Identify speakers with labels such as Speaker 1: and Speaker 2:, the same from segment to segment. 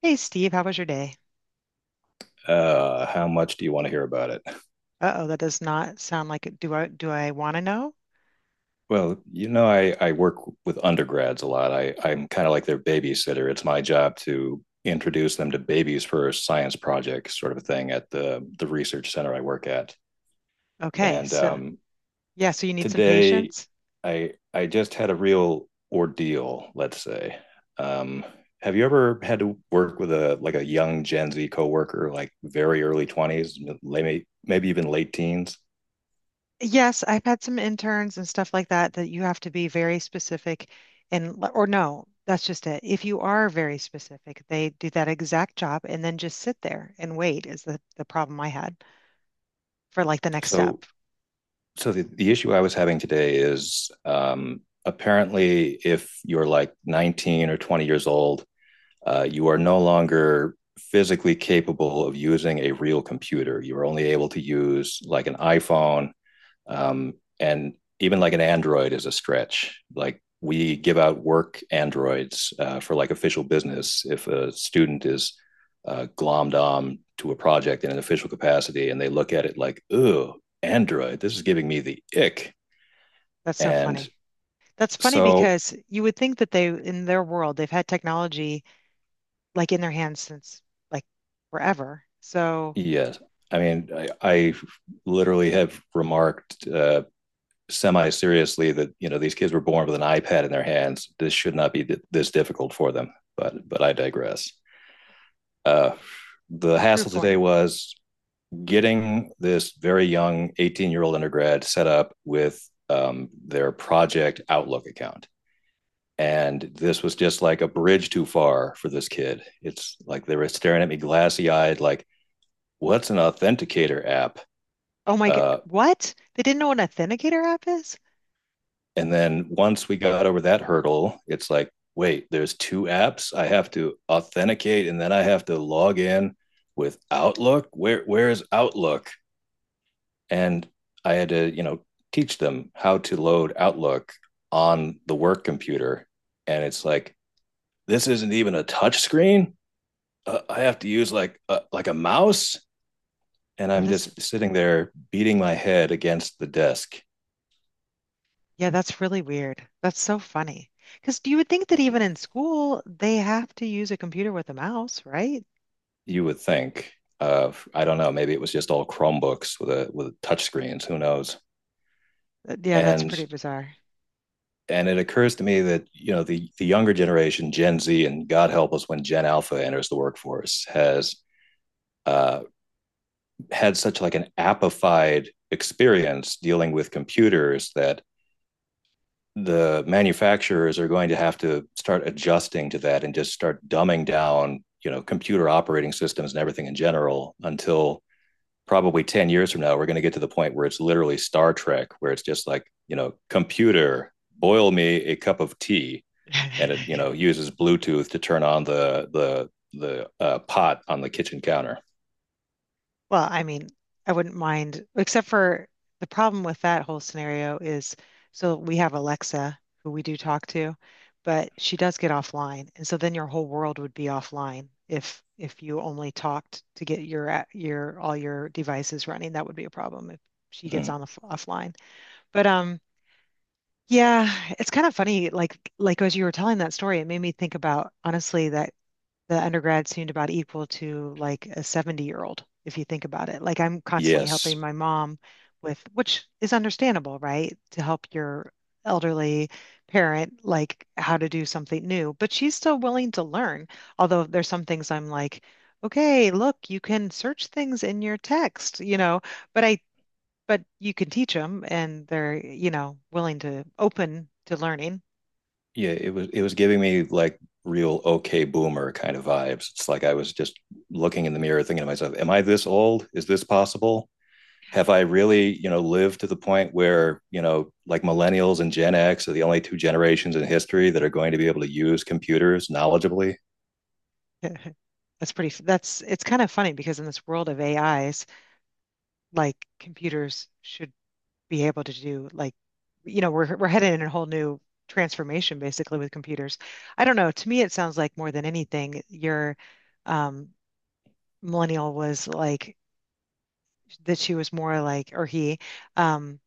Speaker 1: Hey Steve, how was your day?
Speaker 2: How much do you want to hear about it?
Speaker 1: Uh-oh, that does not sound like it. Do I want to know?
Speaker 2: Well, you know, I work with undergrads a lot. I'm kind of like their babysitter. It's my job to introduce them to babies for a science project sort of a thing at the research center I work at.
Speaker 1: Okay,
Speaker 2: And
Speaker 1: so yeah, so you need some
Speaker 2: today
Speaker 1: patience.
Speaker 2: I just had a real ordeal, let's say. Um, have you ever had to work with a like a young Gen Z coworker, like very early twenties, maybe even late teens?
Speaker 1: Yes, I've had some interns and stuff like that that you have to be very specific or no, that's just it. If you are very specific, they do that exact job and then just sit there and wait is the problem I had for like the next step.
Speaker 2: So so the issue I was having today is apparently if you're like 19 or 20 years old, you are no longer physically capable of using a real computer. You are only able to use like an iPhone um, and even like an Android is a stretch. Like we give out work Androids for like official business. If a student is glommed on to a project in an official capacity and they look at it like, ooh, Android, this is giving me the ick.
Speaker 1: That's so
Speaker 2: And
Speaker 1: funny. That's funny
Speaker 2: so,
Speaker 1: because you would think that they in their world they've had technology like in their hands since like forever. So
Speaker 2: yes, I mean, I literally have remarked semi seriously that, you know, these kids were born with an iPad in their hands. This should not be this difficult for them. But I digress. Uh, the
Speaker 1: true
Speaker 2: hassle today
Speaker 1: point.
Speaker 2: was getting this very young 18-year-old undergrad set up with their project Outlook account. And this was just like a bridge too far for this kid. It's like they were staring at me glassy eyed, like, what's an authenticator app?
Speaker 1: Oh my God.
Speaker 2: Uh,
Speaker 1: What? They didn't know an authenticator app is?
Speaker 2: and then once we got over that hurdle, it's like, wait, there's two apps. I have to authenticate and then I have to log in with Outlook. Where is Outlook? And I had to, you know, teach them how to load Outlook on the work computer. And it's like, this isn't even a touch screen. I have to use like a mouse, and
Speaker 1: Oh,
Speaker 2: I'm
Speaker 1: that's,
Speaker 2: just sitting there beating my head against the desk.
Speaker 1: yeah, that's really weird. That's so funny. Because you would think that even in school, they have to use a computer with a mouse, right?
Speaker 2: You would think, of I don't know, maybe it was just all Chromebooks with with touch screens. Who knows?
Speaker 1: Yeah, that's
Speaker 2: And
Speaker 1: pretty bizarre.
Speaker 2: and it occurs to me that you know the younger generation, Gen Z, and God help us when Gen Alpha enters the workforce, has uh, had such like an appified experience dealing with computers that the manufacturers are going to have to start adjusting to that and just start dumbing down, you know, computer operating systems and everything in general until probably 10 years from now we're going to get to the point where it's literally Star Trek where it's just like, you know, computer, boil me a cup of tea, and it, you know, uses Bluetooth to turn on the pot on the kitchen counter.
Speaker 1: Well, I mean, I wouldn't mind, except for the problem with that whole scenario is so we have Alexa, who we do talk to, but she does get offline. And so then your whole world would be offline if you only talked to get your your all your devices running. That would be a problem if she gets
Speaker 2: Mm.
Speaker 1: on the offline. But yeah, it's kind of funny like as you were telling that story, it made me think about honestly that the undergrad seemed about equal to like a 70-year-old, if you think about it. Like I'm constantly
Speaker 2: Yes.
Speaker 1: helping my mom with, which is understandable, right? To help your elderly parent, like how to do something new. But she's still willing to learn. Although there's some things I'm like, okay, look, you can search things in your text, you know, but I, but you can teach them and they're, you know, willing to open to learning.
Speaker 2: Yeah, it was giving me like real okay boomer kind of vibes. It's like I was just looking in the mirror thinking to myself, am I this old? Is this possible? Have I really, you know, lived to the point where, you know, like millennials and Gen X are the only two generations in history that are going to be able to use computers knowledgeably?
Speaker 1: That's pretty, that's, it's kind of funny because in this world of AIs, like computers should be able to do like you know we're headed in a whole new transformation basically with computers. I don't know. To me, it sounds like more than anything, your um, millennial was like that she was more like or he um,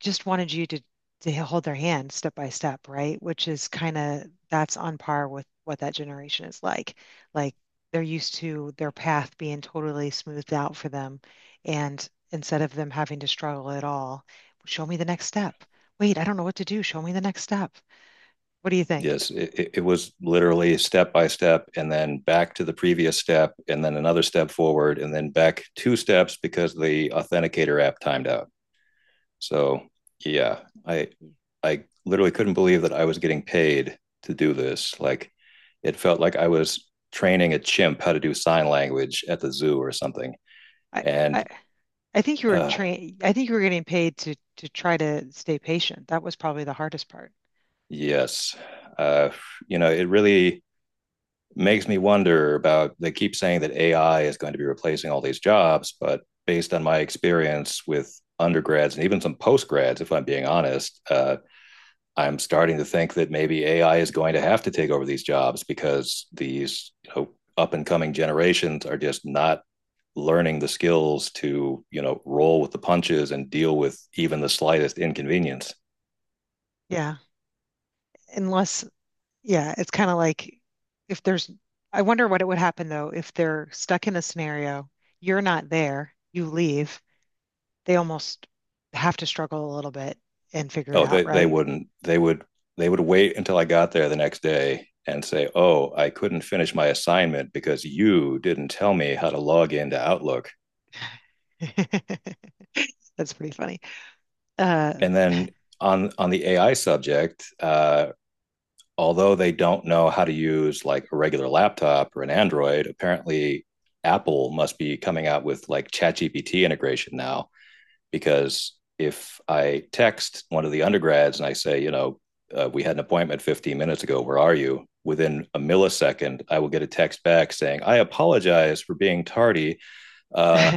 Speaker 1: just wanted you to hold their hand step by step, right? Which is kind of that's on par with what that generation is like. Like they're used to their path being totally smoothed out for them, and instead of them having to struggle at all, show me the next step. Wait, I don't know what to do. Show me the next step. What do you think?
Speaker 2: Yes, it was literally step by step and then back to the previous step and then another step forward and then back two steps because the authenticator app timed out. So yeah, I I literally couldn't believe that I was getting paid to do this. Like it felt like I was training a chimp how to do sign language at the zoo or something.
Speaker 1: I
Speaker 2: And
Speaker 1: I, I think you were
Speaker 2: uh,
Speaker 1: trained. I think you were getting paid to try to stay patient. That was probably the hardest part.
Speaker 2: yes, uh, you know, it really makes me wonder about. They keep saying that AI is going to be replacing all these jobs, but based on my experience with undergrads and even some postgrads, if I'm being honest, I'm starting to think that maybe AI is going to have to take over these jobs because these, you know, up and coming generations are just not learning the skills to, you know, roll with the punches and deal with even the slightest inconvenience.
Speaker 1: Yeah, unless yeah, it's kind of like if there's, I wonder what it would happen though if they're stuck in a scenario, you're not there, you leave, they almost have to struggle a little bit and figure it
Speaker 2: Oh,
Speaker 1: out,
Speaker 2: they
Speaker 1: right?
Speaker 2: wouldn't. They would wait until I got there the next day and say, "Oh, I couldn't finish my assignment because you didn't tell me how to log into Outlook."
Speaker 1: That's pretty funny. Uh,
Speaker 2: And then on the AI subject, although they don't know how to use like a regular laptop or an Android, apparently Apple must be coming out with like ChatGPT integration now. Because if I text one of the undergrads and I say, you know, we had an appointment 15 minutes ago, where are you? Within a millisecond, I will get a text back saying, I apologize for being tardy. Uh,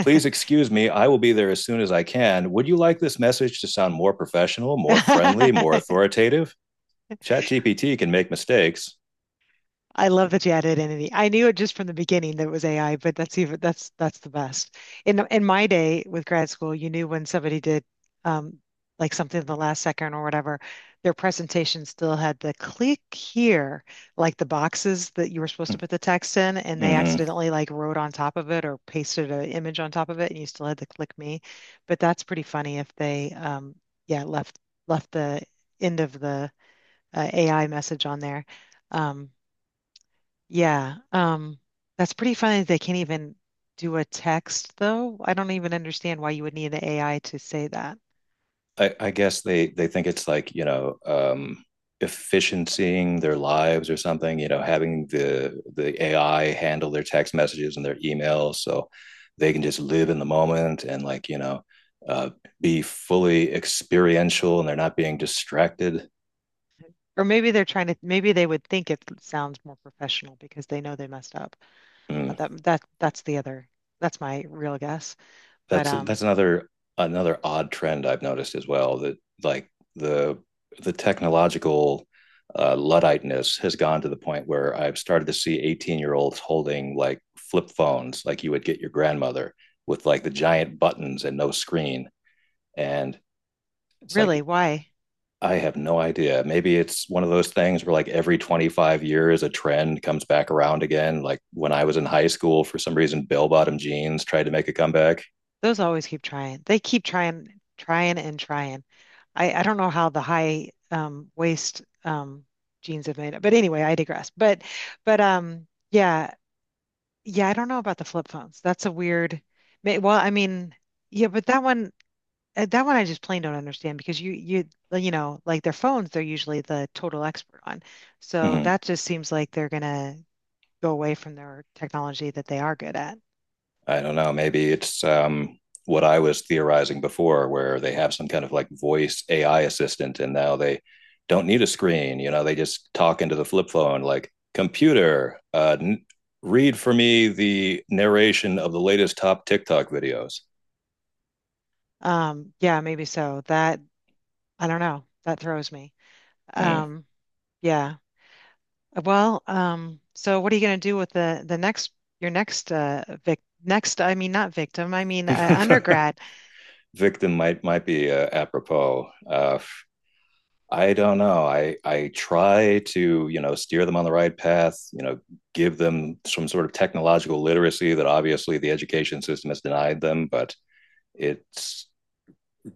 Speaker 2: Please excuse me. I will be there as soon as I can. Would you like this message to sound more professional, more friendly, more authoritative? ChatGPT can make mistakes.
Speaker 1: I love that you added entity. I knew it just from the beginning that it was AI, but that's even that's the best. In my day with grad school, you knew when somebody did um, like something in the last second or whatever, their presentation still had the click here, like the boxes that you were supposed to put the text in, and they
Speaker 2: Hmm.
Speaker 1: accidentally like wrote on top of it or pasted an image on top of it, and you still had to click me. But that's pretty funny if they yeah left the end of the AI message on there. Um, yeah, that's pretty funny. That They can't even do a text, though. I don't even understand why you would need the AI to say that.
Speaker 2: I guess they think it's like, you know, efficiencying their lives or something. You know, having the AI handle their text messages and their emails, so they can just live in the moment and like, you know, uh, be fully experiential, and they're not being distracted.
Speaker 1: Or maybe they're trying to, maybe they would think it sounds more professional because they know they messed up.
Speaker 2: Mm.
Speaker 1: That's the other. That's my real guess. But
Speaker 2: that's that's another another odd trend I've noticed as well that like the technological ludditeness has gone to the point where I've started to see 18-year-olds holding like flip phones like you would get your grandmother with like the giant buttons and no screen, and it's
Speaker 1: really,
Speaker 2: like
Speaker 1: why?
Speaker 2: I have no idea. Maybe it's one of those things where like every 25 years a trend comes back around again. Like when I was in high school, for some reason, bell bottom jeans tried to make a comeback.
Speaker 1: Those always keep trying. They keep trying, trying and trying. I don't know how the high waist jeans have made it. But anyway, I digress. But yeah yeah I don't know about the flip phones. That's a weird. Well, I mean yeah, but that one I just plain don't understand because you well, you know like their phones they're usually the total expert on. So
Speaker 2: Mm-hmm.
Speaker 1: that just seems like they're gonna go away from their technology that they are good at.
Speaker 2: I don't know. Maybe it's what I was theorizing before, where they have some kind of like voice AI assistant, and now they don't need a screen. You know, they just talk into the flip phone, like computer, read for me the narration of the latest top TikTok videos.
Speaker 1: Yeah, maybe so. That I don't know. That throws me.
Speaker 2: Mm.
Speaker 1: Um, yeah. Well, so what are you going to do with the next your next vic next I mean not victim, I mean undergrad.
Speaker 2: Victim might be apropos. I don't know. I try to, you know, steer them on the right path, you know, give them some sort of technological literacy that obviously the education system has denied them, but it's,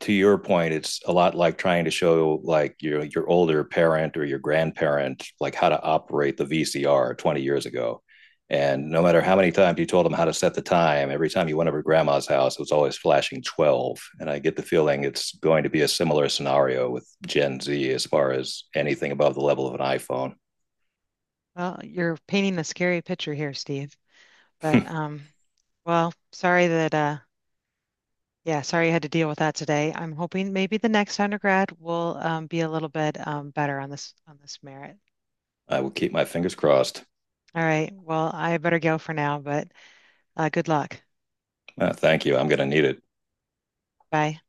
Speaker 2: to your point, it's a lot like trying to show like your older parent or your grandparent like how to operate the VCR 20 years ago. And no matter how many times you told them how to set the time, every time you went over to grandma's house, it was always flashing 12. And I get the feeling it's going to be a similar scenario with Gen Z as far as anything above the level of an iPhone.
Speaker 1: Well, you're painting a scary picture here, Steve. But well, sorry that yeah, sorry you had to deal with that today. I'm hoping maybe the next undergrad will be a little bit better on this merit.
Speaker 2: I will keep my fingers crossed.
Speaker 1: All right. Well, I better go for now, but good luck.
Speaker 2: Thank you. I'm going to need it.
Speaker 1: Bye.